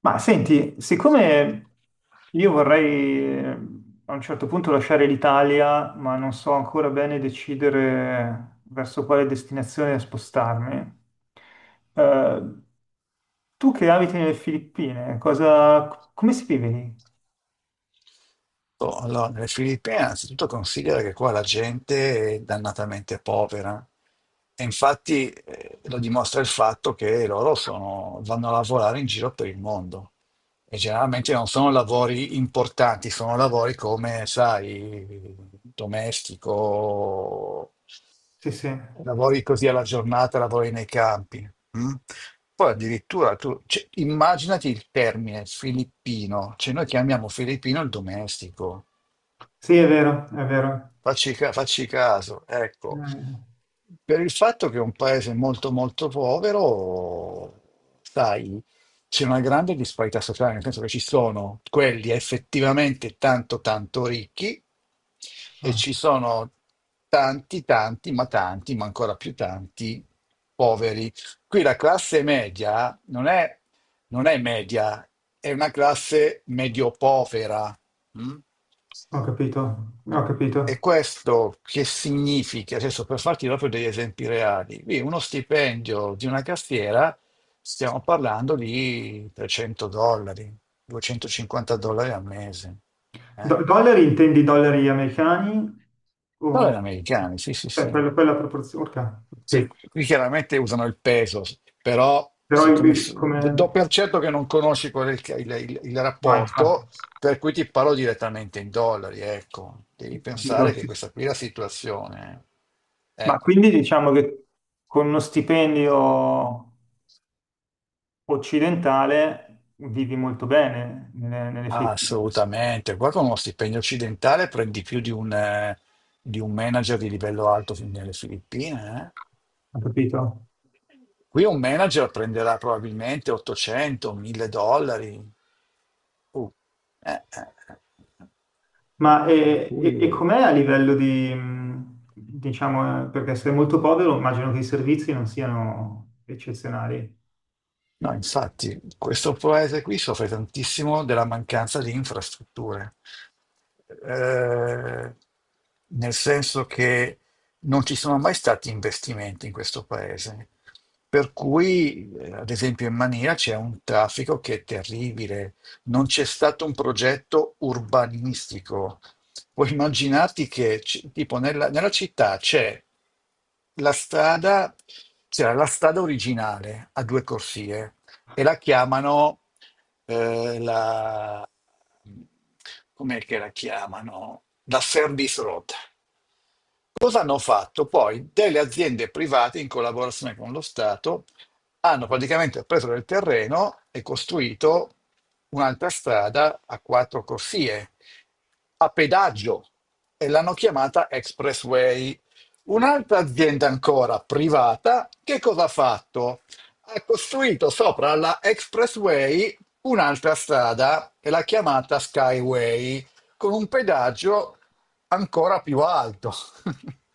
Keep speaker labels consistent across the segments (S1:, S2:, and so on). S1: Ma senti, siccome io vorrei a un certo punto lasciare l'Italia, ma non so ancora bene decidere verso quale destinazione spostarmi, eh, tu che abiti nelle Filippine, cosa, come si vive lì?
S2: Oh, allora, nelle Filippine, innanzitutto considera che qua la gente è dannatamente povera e infatti lo dimostra il fatto che loro vanno a lavorare in giro per il mondo e generalmente non sono lavori importanti, sono lavori come, sai, domestico,
S1: Sì, sì,
S2: lavori così alla giornata, lavori nei campi. Mm? Poi addirittura tu, cioè, immaginati il termine filippino, cioè noi chiamiamo filippino il domestico.
S1: sì, è vero, è vero.
S2: Facci caso, ecco,
S1: Eh,
S2: per il fatto che è un paese molto molto povero, sai, c'è una grande disparità sociale, nel senso che ci sono quelli effettivamente tanto tanto ricchi e
S1: ah,
S2: ci sono tanti tanti, ma ancora più tanti poveri. Qui la classe media non è, non è media, è una classe medio-povera. Mm?
S1: ho capito, ho capito.
S2: E questo che significa? Adesso per farti proprio degli esempi reali, qui uno stipendio di una cassiera, stiamo parlando di 300 dollari, 250 dollari al mese. Eh?
S1: Dollari intendi dollari americani?
S2: Dollari
S1: O...
S2: americani, sì, sì, sì.
S1: quella proporzione. Ok,
S2: Sì,
S1: sì.
S2: qui chiaramente usano il peso, però
S1: Però
S2: siccome
S1: il-
S2: do
S1: come...
S2: per certo che non conosci qual è il
S1: No, infatti,
S2: rapporto, per cui ti parlo direttamente in dollari, ecco. Devi
S1: capito,
S2: pensare che
S1: sì, sì.
S2: questa qui è la situazione. Eh,
S1: Ma quindi diciamo che con uno stipendio occidentale vivi molto bene nelle Filippine,
S2: assolutamente. Qua con uno stipendio occidentale prendi più di un manager di livello alto fin nelle Filippine, eh.
S1: ho capito?
S2: Qui un manager prenderà probabilmente 800, 1000 dollari. Uh, eh, eh, eh. eh.
S1: Ma
S2: Per
S1: e, e-
S2: cui...
S1: e com'è a livello di, diciamo, perché se è molto povero immagino che i servizi non siano eccezionali.
S2: No, infatti, questo paese qui soffre tantissimo della mancanza di infrastrutture. Eh, Nel senso che non ci sono mai stati investimenti in questo paese, per cui, ad esempio, in Mania c'è un traffico che è terribile, non c'è stato un progetto urbanistico. Puoi immaginarti che, tipo, nella città c'è la strada, c'era la strada originale a due corsie e la chiamano eh, la... com'è che la chiamano? La service road. Cosa hanno fatto? Poi delle aziende private in collaborazione con lo Stato hanno praticamente preso del terreno e costruito un'altra strada a quattro corsie a pedaggio e l'hanno chiamata Expressway. Un'altra azienda ancora privata, che cosa ha fatto? Ha costruito sopra la Expressway un'altra strada e l'ha chiamata Skyway con un pedaggio ancora più alto.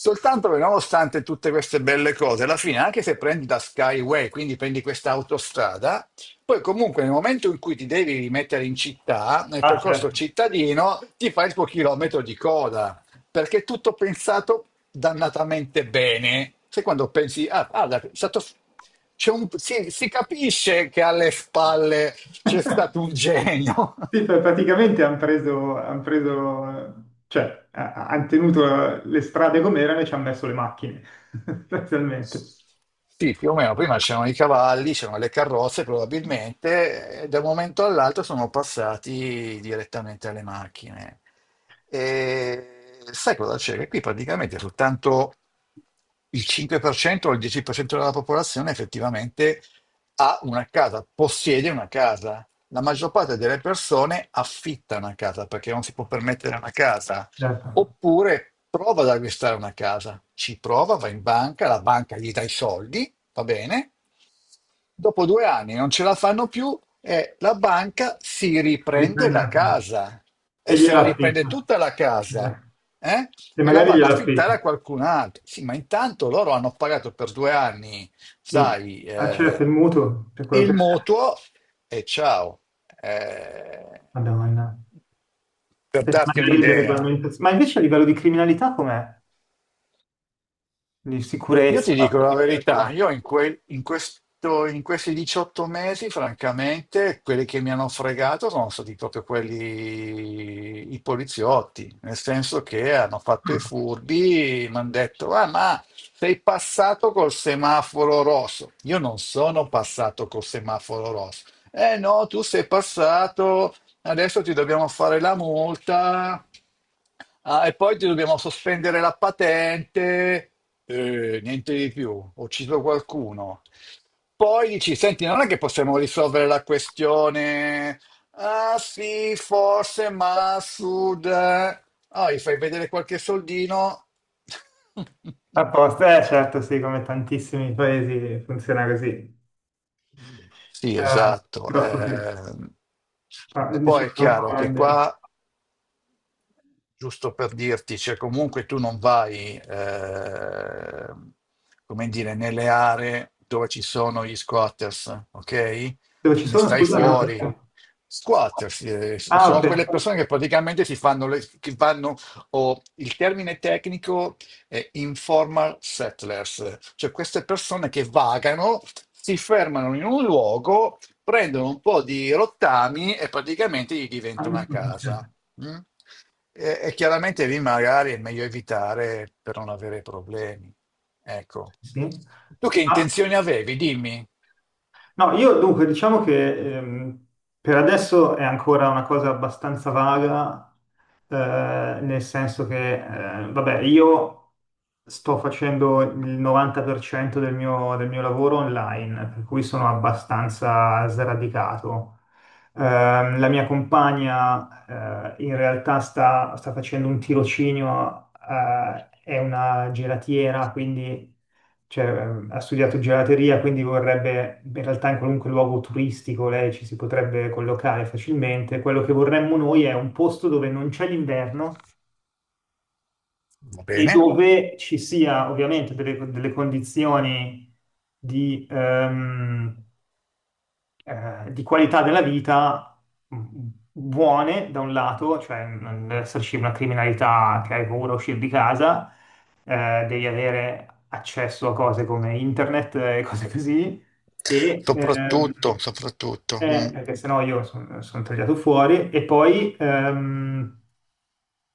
S2: Soltanto che nonostante tutte queste belle cose, alla fine, anche se prendi la Skyway, quindi prendi questa autostrada, poi comunque nel momento in cui ti devi rimettere in città, nel
S1: Ah,
S2: percorso
S1: certo.
S2: cittadino, ti fai il tuo chilometro di coda, perché è tutto pensato dannatamente bene. Sai quando pensi, ah, guarda, è stato- c'è un- si capisce che alle spalle c'è stato un genio.
S1: Sì, praticamente hanno preso, cioè, hanno tenuto le strade come erano e ci hanno messo le macchine, sostanzialmente.
S2: Sì, più o meno, prima c'erano i cavalli, c'erano le carrozze probabilmente, e da un momento all'altro sono passati direttamente alle macchine. E sai cosa c'è? Che qui praticamente soltanto il 5% o il 10% della popolazione effettivamente ha una casa, possiede una casa. La maggior parte delle persone affitta una casa perché non si può permettere una casa.
S1: Certo,
S2: Oppure prova ad acquistare una casa, ci prova, va in banca, la banca gli dà i soldi, va bene? Dopo 2 anni non ce la fanno più e la banca si riprende
S1: riprende
S2: la
S1: la prima.
S2: casa e
S1: E
S2: se la
S1: gliela
S2: riprende
S1: affitta.
S2: tutta la casa,
S1: Eh.
S2: eh?
S1: E
S2: E la
S1: magari
S2: va ad
S1: gliela affitta.
S2: affittare a qualcun altro. Sì, ma intanto loro hanno pagato per 2 anni,
S1: Quindi,
S2: sai,
S1: ah, certo, il mutuo, per quello
S2: il
S1: che...
S2: mutuo e ciao. Eh,
S1: Madonna.
S2: per
S1: Per
S2: darti
S1: magari delle
S2: un'idea.
S1: regolamentazioni. Ma invece a livello di criminalità com'è? Di
S2: Io ti
S1: sicurezza?
S2: dico la
S1: Di
S2: verità,
S1: criminalità?
S2: io in, quel- in questo- in questi 18 mesi, francamente, quelli che mi hanno fregato sono stati proprio quelli, i poliziotti, nel senso che hanno fatto i
S1: Ah,
S2: furbi, mi hanno detto, ah, ma sei passato col semaforo rosso. Io non sono passato col semaforo rosso. Eh no, tu sei passato. Adesso ti dobbiamo fare la multa, ah, e poi ti dobbiamo sospendere la patente, niente di più, ho ucciso qualcuno. Poi dici, senti, non è che possiamo risolvere la questione, ah sì, forse, ma a sud, eh. Ah, gli fai vedere qualche soldino.
S1: a posto, eh certo, sì, come tantissimi paesi funziona così.
S2: Sì, esatto.
S1: Purtroppo sì. Ah,
S2: Poi è
S1: diciamo un po'
S2: chiaro che
S1: grande.
S2: qua giusto per dirti, cioè comunque tu non vai, come dire, nelle aree dove ci sono gli squatters, ok?
S1: Dove ci
S2: Ne
S1: sono,
S2: stai
S1: scusa, no?
S2: fuori. Squatters,
S1: Ah, ok.
S2: sono quelle persone che praticamente si fanno, che vanno, o il termine tecnico è informal settlers, cioè queste persone che vagano, si fermano in un luogo, prendono un po' di rottami e praticamente gli
S1: Ah,
S2: diventa una
S1: nessuno mi
S2: casa.
S1: dice.
S2: Mm? E chiaramente lì magari è meglio evitare per non avere problemi. Ecco.
S1: Sì.
S2: Tu che
S1: Ah,
S2: intenzioni avevi? Dimmi.
S1: no, io dunque diciamo che per adesso è ancora una cosa abbastanza vaga, nel senso che, vabbè, io sto facendo il 90% del mio lavoro online, per cui sono abbastanza sradicato. La mia compagna, in realtà sta facendo un tirocinio, è una gelatiera, quindi cioè, ha studiato gelateria, quindi vorrebbe, in realtà in qualunque luogo turistico lei ci si potrebbe collocare facilmente. Quello che vorremmo noi è un posto dove non c'è l'inverno
S2: Va
S1: e
S2: bene.
S1: dove ci sia ovviamente delle condizioni di, ehm, di qualità della vita mh, buone da un lato, cioè non deve esserci una criminalità che hai paura a uscire di casa, devi avere accesso a cose come internet e cose così, e
S2: Soprattutto, soprattutto.
S1: perché sennò io sono tagliato fuori, e poi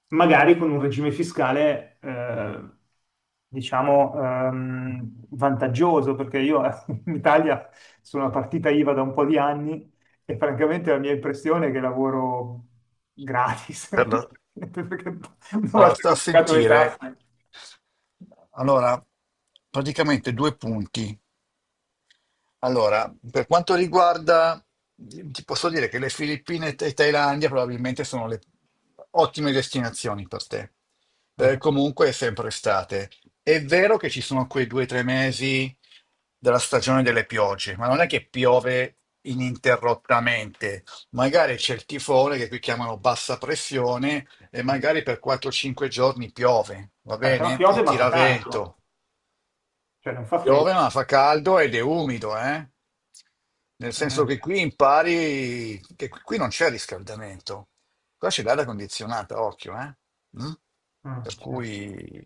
S1: magari con un regime fiscale, diciamo, vantaggioso, perché io in Italia sono una partita IVA da un po' di anni e francamente la mia impressione è che lavoro gratis,
S2: per la-
S1: perché una
S2: ah,
S1: volta
S2: sta
S1: che
S2: a
S1: ho pagato le
S2: sentire.
S1: tasse.
S2: Allora, praticamente due punti. Allora, per quanto riguarda, ti posso dire che le Filippine e Thailandia probabilmente sono le ottime destinazioni per te.
S1: Ah,
S2: Comunque è sempre estate. È vero che ci sono quei 2 o 3 mesi della stagione delle piogge, ma non è che piove ininterrottamente. Magari c'è il tifone che qui chiamano bassa pressione e
S1: ah.
S2: magari per 4-5 giorni piove, va
S1: Però
S2: bene? E
S1: piove ma fa
S2: tira
S1: caldo,
S2: vento.
S1: cioè non fa freddo.
S2: Piove ma fa caldo ed è umido, eh? Nel
S1: Ah,
S2: senso che
S1: certo.
S2: qui impari che qui non c'è riscaldamento. Qua c'è l'aria condizionata, occhio, eh? Mm?
S1: Ah,
S2: Per
S1: certo.
S2: cui,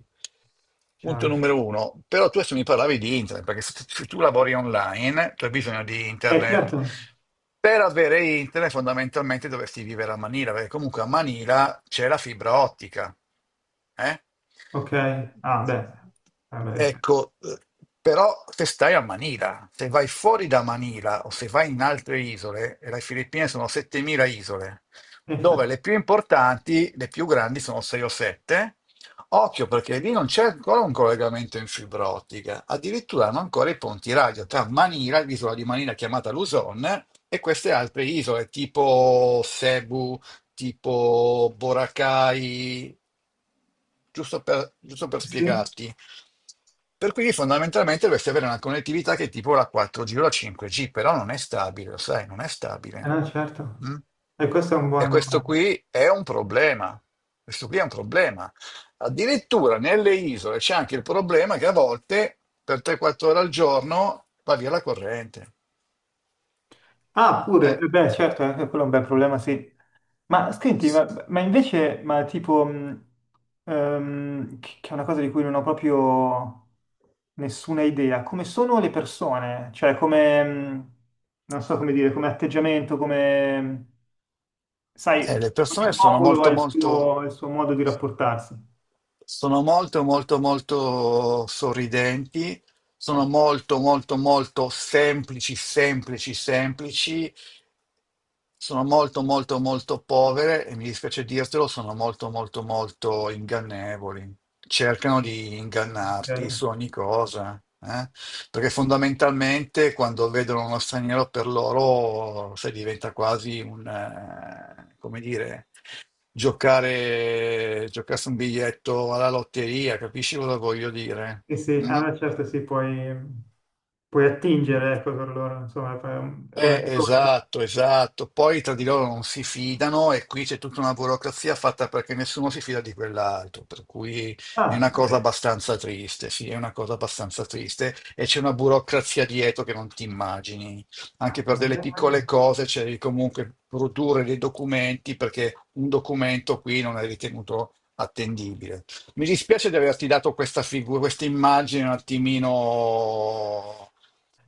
S2: punto
S1: Chiaro, chiaro.
S2: numero uno. Però tu adesso mi parlavi di internet, perché se tu lavori online, tu hai bisogno di
S1: Eh
S2: internet.
S1: certo,
S2: Per avere internet fondamentalmente dovresti vivere a Manila, perché comunque a Manila c'è la fibra ottica, eh?
S1: ok, ah beh, vabbè, sì.
S2: Ecco, però se stai a Manila, se vai fuori da Manila o se vai in altre isole, e le Filippine sono 7.000 isole, dove
S1: Infatti,
S2: le più importanti, le più grandi sono 6 o 7. Occhio perché lì non c'è ancora un collegamento in fibra ottica, addirittura hanno ancora i ponti radio tra Manila, l'isola di Manila chiamata Luzon, e queste altre isole tipo Cebu, tipo Boracay, giusto per
S1: sì.
S2: spiegarti. Per cui fondamentalmente dovresti avere una connettività che è tipo la 4G o la 5G, però non è stabile, lo sai, non è
S1: Eh
S2: stabile.
S1: no, certo.
S2: Mm?
S1: E questo è un
S2: E
S1: buon...
S2: questo qui è un problema. Questo qui è un problema. Addirittura nelle isole c'è anche il problema che a volte per 3-4 ore al giorno va via la corrente.
S1: Ah,
S2: Eh.
S1: pure, eh beh, certo, anche quello è un bel problema, sì. Ma senti, ma invece, ma tipo, che è una cosa di cui non ho proprio nessuna idea, come sono le persone? Cioè, come, non so come dire, come... atteggiamento, Sai,
S2: Le persone
S1: ogni
S2: sono
S1: popolo ha
S2: molto
S1: il
S2: molto
S1: suo, il suo modo di rapportarsi.
S2: Sono molto, molto, molto sorridenti,
S1: No.
S2: sono molto, molto, molto semplici, semplici, semplici, sono molto, molto, molto povere e mi dispiace dirtelo, sono molto, molto, molto ingannevoli. Cercano di ingannarti
S1: Ok.
S2: su ogni cosa, eh? Perché fondamentalmente quando vedono uno straniero per loro, sai, diventa quasi come dire giocarsi un biglietto alla lotteria, capisci cosa voglio dire?
S1: Sì, sì,
S2: Mm?
S1: ah, beh, certo sì, puoi
S2: Mm.
S1: attingere, ecco, per loro, insomma, è una risorsa.
S2: Esatto, esatto. Poi tra di loro non si fidano e qui c'è tutta una burocrazia fatta perché nessuno si fida di quell'altro, per cui è
S1: Ah,
S2: una
S1: vabbè,
S2: cosa abbastanza triste, sì, è una cosa abbastanza triste e c'è una burocrazia dietro che non ti immagini. Anche per
S1: cavolo,
S2: delle piccole
S1: immagino.
S2: cose c'è di comunque produrre dei documenti perché un documento qui non è ritenuto attendibile. Mi dispiace di averti dato questa figura, questa immagine un attimino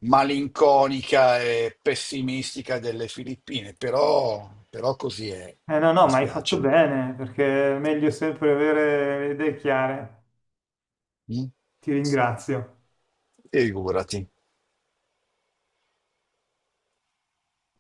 S2: malinconica e pessimistica delle Filippine, però così è.
S1: No, no,
S2: Mi
S1: ma hai fatto
S2: spiace.
S1: bene, perché è meglio sempre avere le idee chiare.
S2: Mm?
S1: Ti ringrazio.
S2: Figurati.